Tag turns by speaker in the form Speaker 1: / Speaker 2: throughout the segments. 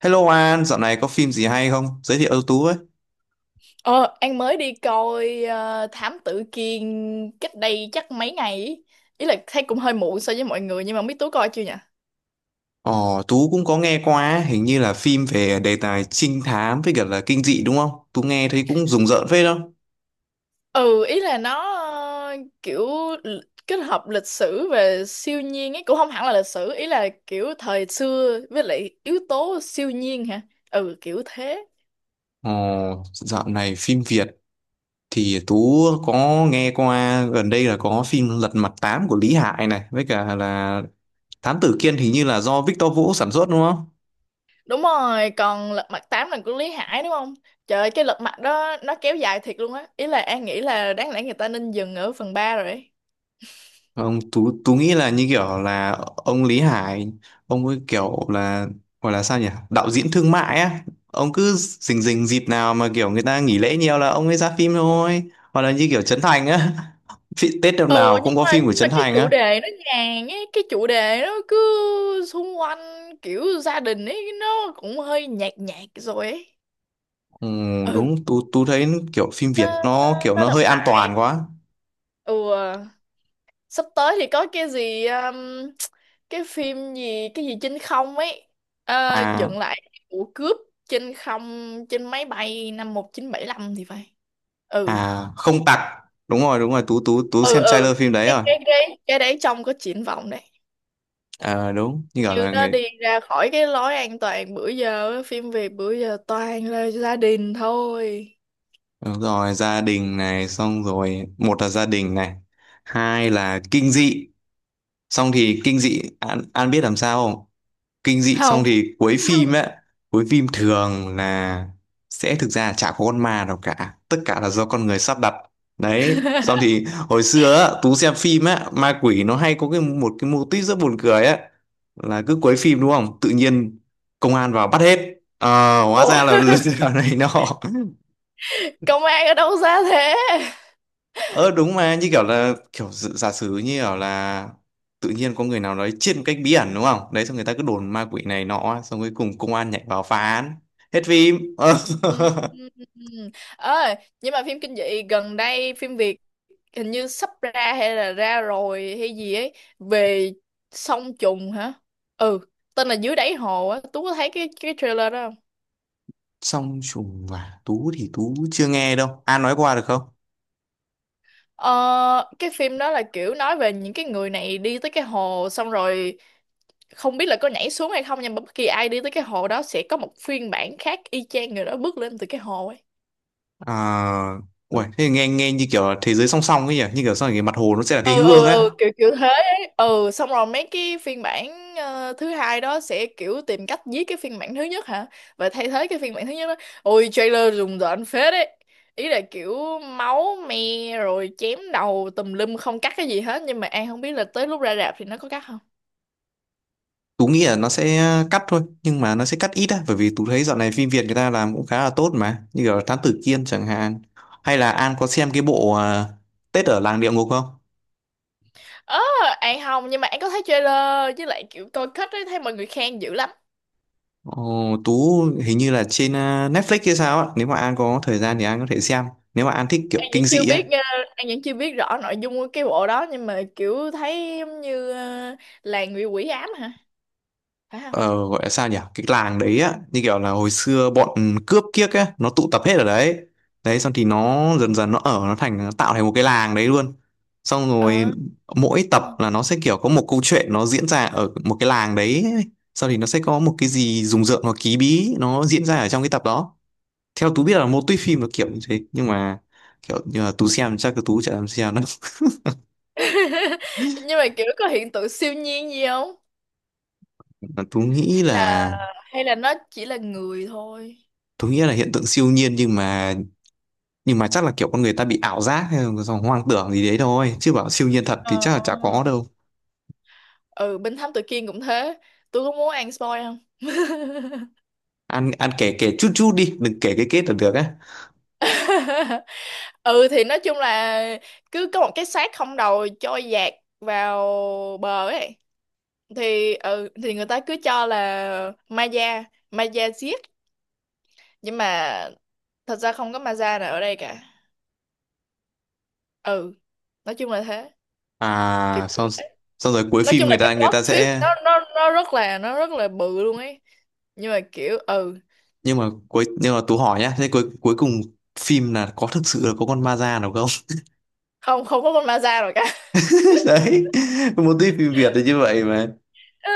Speaker 1: Hello An, dạo này có phim gì hay không? Giới thiệu cho Tú với.
Speaker 2: Ờ, An mới đi coi Thám Tử Kiên cách đây chắc mấy ngày ý. Ý là thấy cũng hơi muộn so với mọi người, nhưng mà biết Tú coi chưa nhỉ?
Speaker 1: Ồ, Tú cũng có nghe qua, hình như là phim về đề tài trinh thám với cả là kinh dị đúng không? Tú nghe thấy cũng rùng rợn phết không?
Speaker 2: Ừ, ý là nó kiểu l- kết hợp lịch sử về siêu nhiên ấy, cũng không hẳn là lịch sử, ý là kiểu thời xưa với lại yếu tố siêu nhiên hả? Ừ, kiểu thế.
Speaker 1: Ồ, dạo này phim Việt thì Tú có nghe qua gần đây là có phim Lật Mặt Tám của Lý Hải này với cả là Thám Tử Kiên, hình như là do Victor Vũ sản xuất đúng không?
Speaker 2: Đúng rồi, còn Lật Mặt tám là của Lý Hải đúng không? Trời ơi, cái Lật Mặt đó nó kéo dài thiệt luôn á. Ý là An nghĩ là đáng lẽ người ta nên dừng ở phần 3 rồi ấy.
Speaker 1: Không, Tú nghĩ là như kiểu là ông Lý Hải, ông ấy kiểu là, gọi là sao nhỉ? Đạo diễn thương mại á. Ông cứ rình rình dịp nào mà kiểu người ta nghỉ lễ nhiều là ông ấy ra phim thôi. Hoặc là như kiểu Trấn Thành á. Tết năm
Speaker 2: Ừ,
Speaker 1: nào
Speaker 2: nhưng
Speaker 1: cũng có
Speaker 2: mà
Speaker 1: phim của
Speaker 2: nhưng mà
Speaker 1: Trấn
Speaker 2: cái
Speaker 1: Thành
Speaker 2: chủ
Speaker 1: á.
Speaker 2: đề nó nhàn ấy, cái chủ đề nó cứ xung quanh kiểu gia đình ấy, nó cũng hơi nhạt nhạt rồi ấy.
Speaker 1: Ừ,
Speaker 2: Ừ.
Speaker 1: đúng, Tú thấy kiểu phim
Speaker 2: nó,
Speaker 1: Việt
Speaker 2: nó,
Speaker 1: nó kiểu
Speaker 2: nó
Speaker 1: nó
Speaker 2: lặp
Speaker 1: hơi an
Speaker 2: lại.
Speaker 1: toàn quá.
Speaker 2: Ừ à. Sắp tới thì có cái gì cái phim gì, cái gì trên không ấy. Ờ,
Speaker 1: À,
Speaker 2: dựng lại vụ cướp trên không, trên máy bay năm 1975 thì phải. Ừ.
Speaker 1: à, không tặc. Đúng rồi, Tú
Speaker 2: Ừ
Speaker 1: xem
Speaker 2: ừ.
Speaker 1: trailer phim đấy
Speaker 2: cái
Speaker 1: rồi.
Speaker 2: cái cái cái đấy trông có triển vọng đấy.
Speaker 1: À, đúng, như kiểu
Speaker 2: Như
Speaker 1: là
Speaker 2: nó
Speaker 1: người.
Speaker 2: đi ra khỏi cái lối an toàn bữa giờ á, phim Việt bữa giờ toàn là gia đình thôi.
Speaker 1: Đúng rồi, gia đình này, xong rồi một là gia đình này, hai là kinh dị, xong thì kinh dị An biết làm sao không? Kinh dị xong
Speaker 2: Không.
Speaker 1: thì cuối phim ấy, cuối phim thường là sẽ thực ra là chả có con ma nào cả, tất cả là do con người sắp đặt. Đấy, xong thì hồi xưa á, Tú xem phim á, ma quỷ nó hay có cái một cái mô típ rất buồn cười á, là cứ cuối phim đúng không? Tự nhiên công an vào bắt hết. Ờ, hóa ra là
Speaker 2: Ủa,
Speaker 1: lừa đảo này nọ.
Speaker 2: công an ở đâu ra thế?
Speaker 1: Ờ đúng, mà như kiểu là kiểu giả sử như kiểu là tự nhiên có người nào đấy chết một cách bí ẩn đúng không? Đấy xong người ta cứ đồn ma quỷ này nọ, xong cuối cùng công an nhảy vào phá án. Hết phim. Ờ.
Speaker 2: Ừ. Ừ, ừ, ừ. Ơi, nhưng mà phim kinh dị gần đây, phim Việt hình như sắp ra hay là ra rồi hay gì ấy, về song trùng hả? Ừ, tên là Dưới Đáy Hồ á, Tú có thấy cái trailer đó không?
Speaker 1: Song trùng và Tú thì Tú chưa nghe đâu. An nói qua được không?
Speaker 2: Ờ, cái phim đó là kiểu nói về những cái người này đi tới cái hồ, xong rồi không biết là có nhảy xuống hay không, nhưng mà bất kỳ ai đi tới cái hồ đó sẽ có một phiên bản khác y chang người đó bước lên từ cái hồ ấy.
Speaker 1: À, uầy, thế nghe nghe như kiểu là thế giới song song ấy nhỉ, như kiểu sau này cái mặt hồ nó sẽ là cái
Speaker 2: ừ
Speaker 1: gương
Speaker 2: ừ
Speaker 1: ấy.
Speaker 2: ừ kiểu kiểu thế ấy. Ừ, xong rồi mấy cái phiên bản thứ hai đó sẽ kiểu tìm cách giết cái phiên bản thứ nhất hả, và thay thế cái phiên bản thứ nhất đó. Ôi, trailer rùng rợn phết đấy. Ý là kiểu máu me rồi chém đầu tùm lum, không cắt cái gì hết, nhưng mà An không biết là tới lúc ra rạp thì nó có cắt không.
Speaker 1: Tú nghĩ là nó sẽ cắt thôi, nhưng mà nó sẽ cắt ít á, bởi vì Tú thấy dạo này phim Việt người ta làm cũng khá là tốt, mà như kiểu Thám Tử Kiên chẳng hạn. Hay là An có xem cái bộ Tết ở làng địa ngục không?
Speaker 2: Ờ, An không, nhưng mà An có thấy trailer, với lại kiểu coi kết ấy, thấy mọi người khen dữ lắm.
Speaker 1: Ồ, Tú hình như là trên Netflix hay sao á, nếu mà An có thời gian thì An có thể xem, nếu mà An thích kiểu
Speaker 2: An
Speaker 1: kinh
Speaker 2: vẫn chưa
Speaker 1: dị á.
Speaker 2: biết, An vẫn chưa biết rõ nội dung của cái bộ đó, nhưng mà kiểu thấy giống như làng bị quỷ ám hả? Phải không?
Speaker 1: Ờ, gọi là sao nhỉ, cái làng đấy á, như kiểu là hồi xưa bọn cướp kiếc ấy nó tụ tập hết ở đấy, đấy xong thì nó dần dần nó tạo thành một cái làng đấy luôn, xong rồi
Speaker 2: Ờ.
Speaker 1: mỗi tập là nó sẽ kiểu có một câu chuyện nó diễn ra ở một cái làng đấy, sau thì nó sẽ có một cái gì rùng rợn hoặc ký bí nó diễn ra ở trong cái tập đó. Theo Tú biết là mô típ phim là kiểu như thế, nhưng mà kiểu như là Tú xem, chắc là Tú chả làm xem đâu.
Speaker 2: Nhưng mà kiểu có hiện tượng siêu nhiên gì không?
Speaker 1: Tú nghĩ
Speaker 2: Hay là
Speaker 1: là
Speaker 2: nó chỉ là người thôi?
Speaker 1: Tú nghĩ là hiện tượng siêu nhiên, nhưng mà chắc là kiểu con người ta bị ảo giác hay là hoang tưởng gì đấy thôi, chứ bảo siêu nhiên thật
Speaker 2: Ờ.
Speaker 1: thì chắc là chả có đâu.
Speaker 2: Ừ, bên Thám Tử Kiên cũng thế. Tôi có muốn ăn spoil không?
Speaker 1: Ăn ăn kể kể chút chút đi, đừng kể cái kết là được á.
Speaker 2: Ừ, thì nói chung là cứ có một cái xác không đầu trôi dạt vào bờ ấy, thì ừ thì người ta cứ cho là ma da, ma da giết, nhưng mà thật ra không có maza nào ở đây cả. Ừ, nói chung là thế. Kiểu,
Speaker 1: À, xong xong rồi cuối
Speaker 2: nói
Speaker 1: phim
Speaker 2: chung là
Speaker 1: người
Speaker 2: cái
Speaker 1: ta người
Speaker 2: plot
Speaker 1: ta
Speaker 2: twist
Speaker 1: sẽ,
Speaker 2: nó rất là bự luôn ấy, nhưng mà kiểu ừ
Speaker 1: nhưng mà nhưng mà Tú hỏi nhá, thế cuối cuối cùng phim là có thực sự là có con ma da nào không?
Speaker 2: không, không có con maza rồi cả.
Speaker 1: Đấy, một tí phim Việt thì như vậy mà.
Speaker 2: Ờ,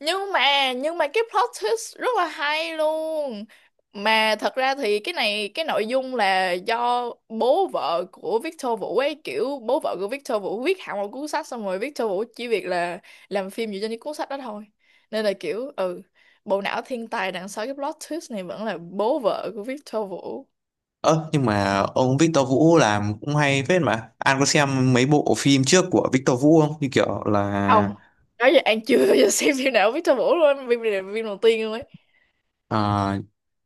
Speaker 2: nhưng mà cái plot twist rất là hay luôn. Mà thật ra thì cái này, cái nội dung là do bố vợ của Victor Vũ ấy, kiểu bố vợ của Victor Vũ viết hẳn một cuốn sách, xong rồi Victor Vũ chỉ việc là làm phim dựa trên cái cuốn sách đó thôi. Nên là kiểu ừ, bộ não thiên tài đằng sau cái plot twist này vẫn là bố vợ của Victor Vũ.
Speaker 1: Ơ, nhưng mà ông Victor Vũ làm cũng hay phết mà, An có xem mấy bộ phim trước của Victor Vũ không, như kiểu là...
Speaker 2: Không, nói giờ An chưa bao giờ xem phim nào của Victor Vũ luôn, phim này là phim đầu tiên luôn ấy.
Speaker 1: À,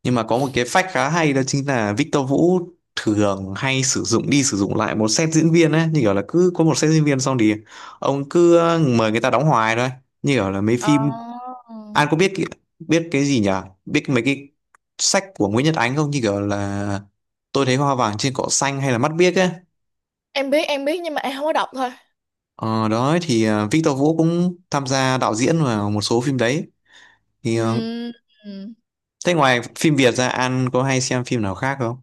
Speaker 1: nhưng mà có một cái fact khá hay, đó chính là Victor Vũ thường hay sử dụng đi sử dụng lại một set diễn viên ấy, như kiểu là cứ có một set diễn viên xong thì ông cứ mời người ta đóng hoài thôi, như kiểu là mấy
Speaker 2: Ờ,
Speaker 1: phim. An có biết biết cái gì nhỉ, biết mấy cái sách của Nguyễn Nhật Ánh không, như kiểu là Tôi Thấy Hoa Vàng Trên Cỏ Xanh hay là Mắt Biếc ấy.
Speaker 2: em biết, em biết, nhưng mà em không có đọc thôi.
Speaker 1: Ờ, đó thì Victor Vũ cũng tham gia đạo diễn vào một số phim đấy, thì à.
Speaker 2: Ừm, ừm.
Speaker 1: Thế ngoài phim Việt ra An có hay xem phim nào khác không?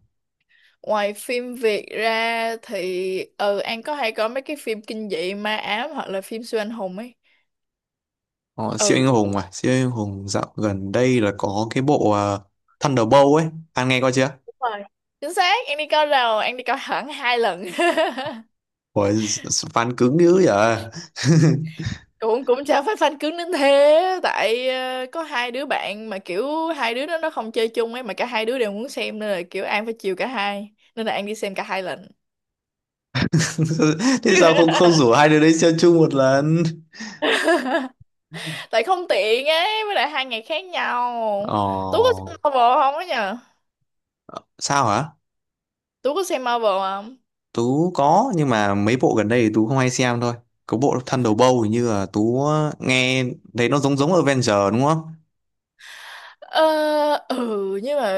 Speaker 2: Ngoài phim Việt ra thì ừ An có hay có mấy cái phim kinh dị ma ám hoặc là phim siêu anh hùng ấy.
Speaker 1: Ờ, siêu
Speaker 2: Ừ,
Speaker 1: anh hùng, dạo gần đây là có cái bộ Thunderbolt ấy, anh nghe coi chưa?
Speaker 2: đúng rồi. Chính xác, An đi coi rồi, An đi coi hẳn 2 lần.
Speaker 1: Ủa, fan cứng dữ vậy?
Speaker 2: Cũng cũng chả phải fan cứng đến thế, tại có hai đứa bạn mà kiểu hai đứa đó nó không chơi chung ấy, mà cả hai đứa đều muốn xem, nên là kiểu An phải chiều cả hai, nên là An đi xem cả 2 lần.
Speaker 1: Thế sao không không rủ hai đứa đấy xem chung một lần?
Speaker 2: Tại không tiện ấy, với lại 2 ngày khác nhau. Tú có
Speaker 1: ờ
Speaker 2: xem Marvel không á nhờ?
Speaker 1: Sao hả?
Speaker 2: Tú có xem Marvel không?
Speaker 1: Tú có, nhưng mà mấy bộ gần đây thì Tú không hay xem thôi. Có bộ Thunderbolt hình như là Tú nghe thấy nó giống giống Avenger đúng không?
Speaker 2: Ờ, ừ nhưng mà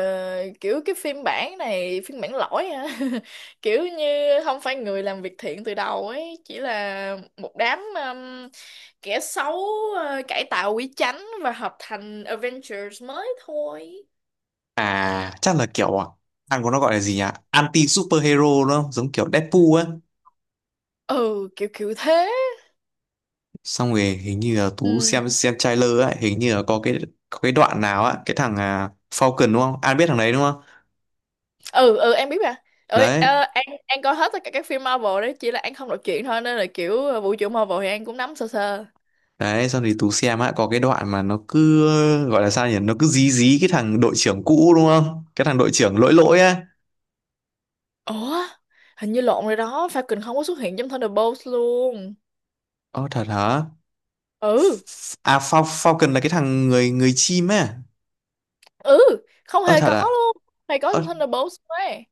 Speaker 2: kiểu cái phiên bản này phiên bản lỗi hả? Kiểu như không phải người làm việc thiện từ đầu ấy, chỉ là một đám kẻ xấu cải tạo quý chánh và hợp thành Avengers mới thôi.
Speaker 1: À, chắc là kiểu anh có, nó gọi là gì nhỉ, anti superhero đúng không, giống kiểu Deadpool ấy.
Speaker 2: Ừ, kiểu kiểu thế.
Speaker 1: Xong rồi hình như là Tú xem
Speaker 2: Ừ
Speaker 1: xem trailer ấy, hình như là có cái đoạn nào á, cái thằng Falcon đúng không, An biết thằng đấy đúng không?
Speaker 2: ừ. Ừ, em biết mà. Ừ,
Speaker 1: đấy
Speaker 2: ờ. An coi hết tất cả các phim Marvel đấy, chỉ là An không đọc truyện thôi, nên là kiểu vũ trụ Marvel thì An cũng nắm sơ sơ.
Speaker 1: đấy xong thì Tú xem á, có cái đoạn mà nó cứ gọi là sao nhỉ, nó cứ dí dí cái thằng đội trưởng cũ đúng không, cái thằng đội trưởng lỗi lỗi á.
Speaker 2: Ủa, hình như lộn rồi đó, Falcon không có xuất hiện trong Thunderbolts luôn.
Speaker 1: Ơ thật hả?
Speaker 2: Ừ.
Speaker 1: Falcon là cái thằng người người chim á.
Speaker 2: Ừ, không
Speaker 1: Ơ
Speaker 2: hề
Speaker 1: thật
Speaker 2: có
Speaker 1: à?
Speaker 2: luôn. Hề có
Speaker 1: ơ
Speaker 2: trong Thunderbolts ấy.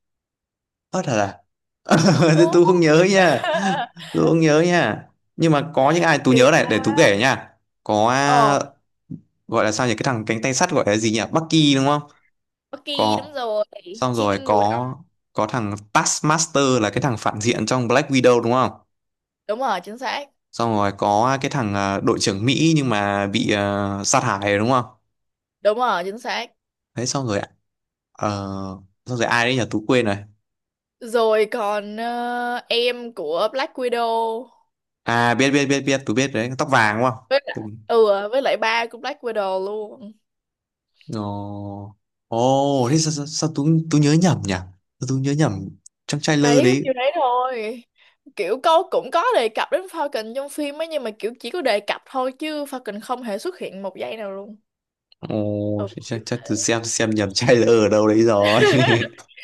Speaker 1: ơ thật à? Thế
Speaker 2: Ừ.
Speaker 1: Tú không nhớ nha, Tú không nhớ nha, nhưng mà có những ai Tú
Speaker 2: Kỳ
Speaker 1: nhớ này để Tú
Speaker 2: thật.
Speaker 1: kể nha. Có,
Speaker 2: Ờ.
Speaker 1: gọi là sao nhỉ, cái thằng cánh tay sắt gọi là gì nhỉ, Bucky đúng không?
Speaker 2: Bucky
Speaker 1: Có.
Speaker 2: đúng rồi.
Speaker 1: Xong
Speaker 2: Chiến
Speaker 1: rồi
Speaker 2: binh mùa đông.
Speaker 1: có thằng Taskmaster là cái thằng phản diện trong Black Widow đúng không?
Speaker 2: Đúng rồi, chính xác.
Speaker 1: Xong rồi có cái thằng đội trưởng Mỹ nhưng mà bị sát hại rồi đúng không?
Speaker 2: Đúng rồi, chính xác.
Speaker 1: Đấy. Xong rồi ờ, xong rồi ai đấy nhỉ, Tú quên rồi.
Speaker 2: Rồi còn em của Black Widow.
Speaker 1: À, biết biết biết biết Tú biết đấy, tóc vàng đúng không?
Speaker 2: Với lại
Speaker 1: Tú...
Speaker 2: ừ với lại ba của Black Widow luôn.
Speaker 1: Ồ, thế sao Tú Tú nhớ nhầm nhỉ? Sao Tú nhớ nhầm trong trailer
Speaker 2: Đấy, có
Speaker 1: đấy?
Speaker 2: nhiêu đấy thôi. Kiểu cô cũng có đề cập đến Falcon trong phim ấy, nhưng mà kiểu chỉ có đề cập thôi, chứ Falcon không hề xuất hiện 1 giây nào luôn.
Speaker 1: Ồ,
Speaker 2: Ừ,
Speaker 1: chắc
Speaker 2: kiểu
Speaker 1: chắc tôi
Speaker 2: thế.
Speaker 1: xem nhầm trailer ở đâu đấy rồi.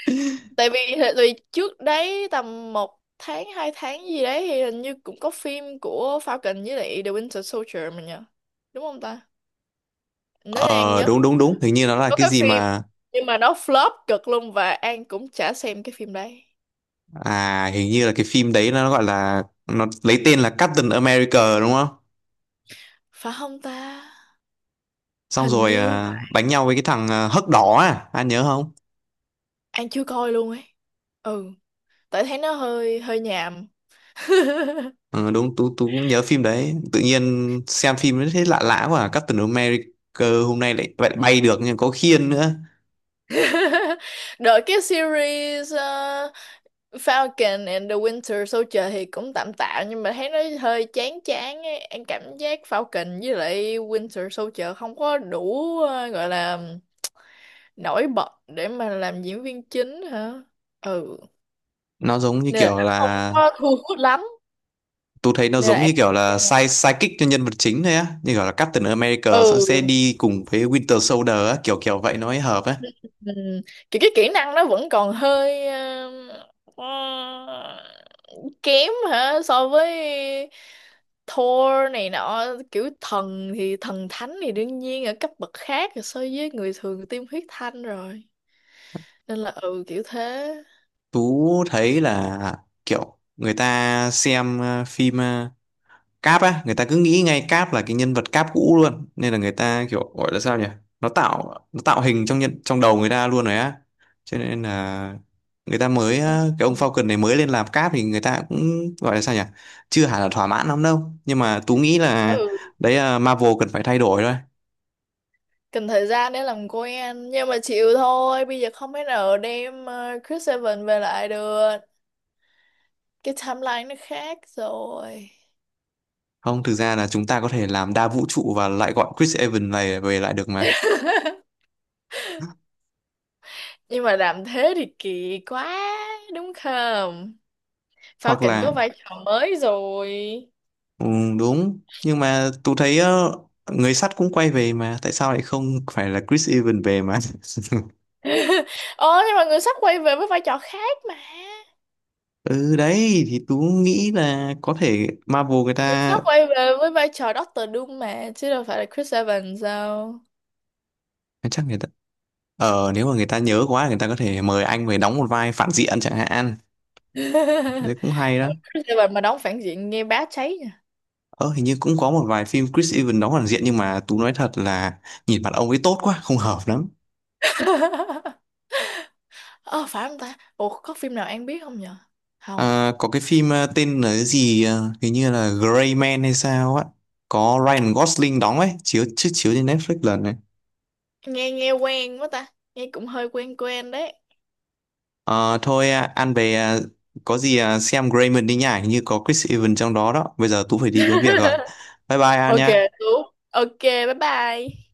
Speaker 2: Tại vì trước đấy tầm một tháng hai tháng gì đấy, thì hình như cũng có phim của Falcon với lại The Winter Soldier mà nhờ? Đúng không ta? Nếu như An
Speaker 1: Ờ,
Speaker 2: nhớ
Speaker 1: đúng đúng
Speaker 2: không.
Speaker 1: đúng, hình như nó là
Speaker 2: Có
Speaker 1: cái
Speaker 2: cái
Speaker 1: gì
Speaker 2: phim,
Speaker 1: mà...
Speaker 2: nhưng mà nó flop cực luôn, và An cũng chả xem cái phim đấy.
Speaker 1: À, hình như là cái phim đấy nó lấy tên là Captain America đúng không?
Speaker 2: Phải không ta?
Speaker 1: Xong
Speaker 2: Hình
Speaker 1: rồi
Speaker 2: như mà
Speaker 1: đánh nhau với cái thằng hấc đỏ anh nhớ không?
Speaker 2: An chưa coi luôn ấy. Ừ, tại thấy nó hơi hơi nhàm.
Speaker 1: Ừ, đúng, tú tú cũng nhớ phim đấy. Tự nhiên xem phim nó thấy lạ lạ quá à. Captain America hôm nay lại lại bay được nhưng có khiên nữa.
Speaker 2: Đợi, cái series Falcon and the Winter Soldier thì cũng tạm tạm, nhưng mà thấy nó hơi chán chán ấy. Em cảm giác Falcon với lại Winter Soldier không có đủ gọi là nổi bật để mà làm diễn viên chính hả? Ừ.
Speaker 1: Nó giống như
Speaker 2: Nên là
Speaker 1: kiểu
Speaker 2: nó không
Speaker 1: là,
Speaker 2: có thu hút lắm.
Speaker 1: tôi thấy nó
Speaker 2: Nên là
Speaker 1: giống
Speaker 2: em
Speaker 1: như kiểu
Speaker 2: không
Speaker 1: là
Speaker 2: xem.
Speaker 1: sidekick cho nhân vật chính thôi á, như kiểu là Captain America sẽ
Speaker 2: Ừ.
Speaker 1: sẽ đi cùng với Winter Soldier á, kiểu kiểu vậy nó mới hợp á.
Speaker 2: Ừ. Kiểu cái kỹ năng nó vẫn còn hơi ờ, kém hả, so với Thor này nọ. Kiểu thần thì thần thánh thì đương nhiên ở cấp bậc khác rồi, so với người thường tiêm huyết thanh rồi. Nên là ừ, kiểu thế.
Speaker 1: Tú thấy là kiểu người ta xem phim Cap á, người ta cứ nghĩ ngay Cap là cái nhân vật Cap cũ luôn, nên là người ta kiểu gọi là sao nhỉ, nó tạo hình trong đầu người ta luôn rồi á, cho nên là người ta mới
Speaker 2: Ừ.
Speaker 1: á, cái ông Falcon này mới lên làm Cap thì người ta cũng gọi là sao nhỉ, chưa hẳn là thỏa mãn lắm đâu, nhưng mà Tú nghĩ là
Speaker 2: Ừ,
Speaker 1: đấy là Marvel cần phải thay đổi thôi.
Speaker 2: cần thời gian để làm quen, nhưng mà chịu thôi, bây giờ không thể nào đem Chris Evans về lại được, cái timeline nó khác rồi.
Speaker 1: Không, thực ra là chúng ta có thể làm đa vũ trụ và lại gọi Chris Evans này về lại được mà.
Speaker 2: Nhưng mà làm thế thì kỳ quá, đúng không? Sao
Speaker 1: Hoặc
Speaker 2: Kỳnh
Speaker 1: là...
Speaker 2: có vai trò mới rồi.
Speaker 1: Ừ, đúng, nhưng mà tôi thấy người sắt cũng quay về mà, tại sao lại không phải là Chris Evans về mà?
Speaker 2: Ồ, nhưng mà người sắp quay về với vai trò khác mà.
Speaker 1: Ừ đấy, thì tôi nghĩ là có thể Marvel người
Speaker 2: Người
Speaker 1: ta
Speaker 2: sắp quay về với vai trò Doctor Doom mà, chứ đâu phải là Chris Evans đâu.
Speaker 1: chắc người ta, nếu mà người ta nhớ quá người ta có thể mời anh về đóng một vai phản diện chẳng hạn. Đấy cũng hay đó.
Speaker 2: Ờ, Chris Evans mà đóng phản diện nghe bá cháy nha.
Speaker 1: Ờ, hình như cũng có một vài phim Chris Evans đóng phản diện, nhưng mà tôi nói thật là nhìn mặt ông ấy tốt quá, không hợp lắm.
Speaker 2: Ờ, phải không ta? Ủa có phim nào An biết không nhở? Không.
Speaker 1: À, có cái phim tên là cái gì hình như là Gray Man hay sao á, có Ryan Gosling đóng ấy, chiếu chiếu chiếu trên Netflix lần này.
Speaker 2: Nghe, nghe quen quá ta. Nghe cũng hơi quen quen đấy.
Speaker 1: Ờ, thôi ăn về có gì xem Gray Man đi nhá, hình như có Chris Evans trong đó đó. Bây giờ Tú phải đi có việc rồi. Bye bye An
Speaker 2: Ok.
Speaker 1: nhá.
Speaker 2: Đúng. Ok, bye bye.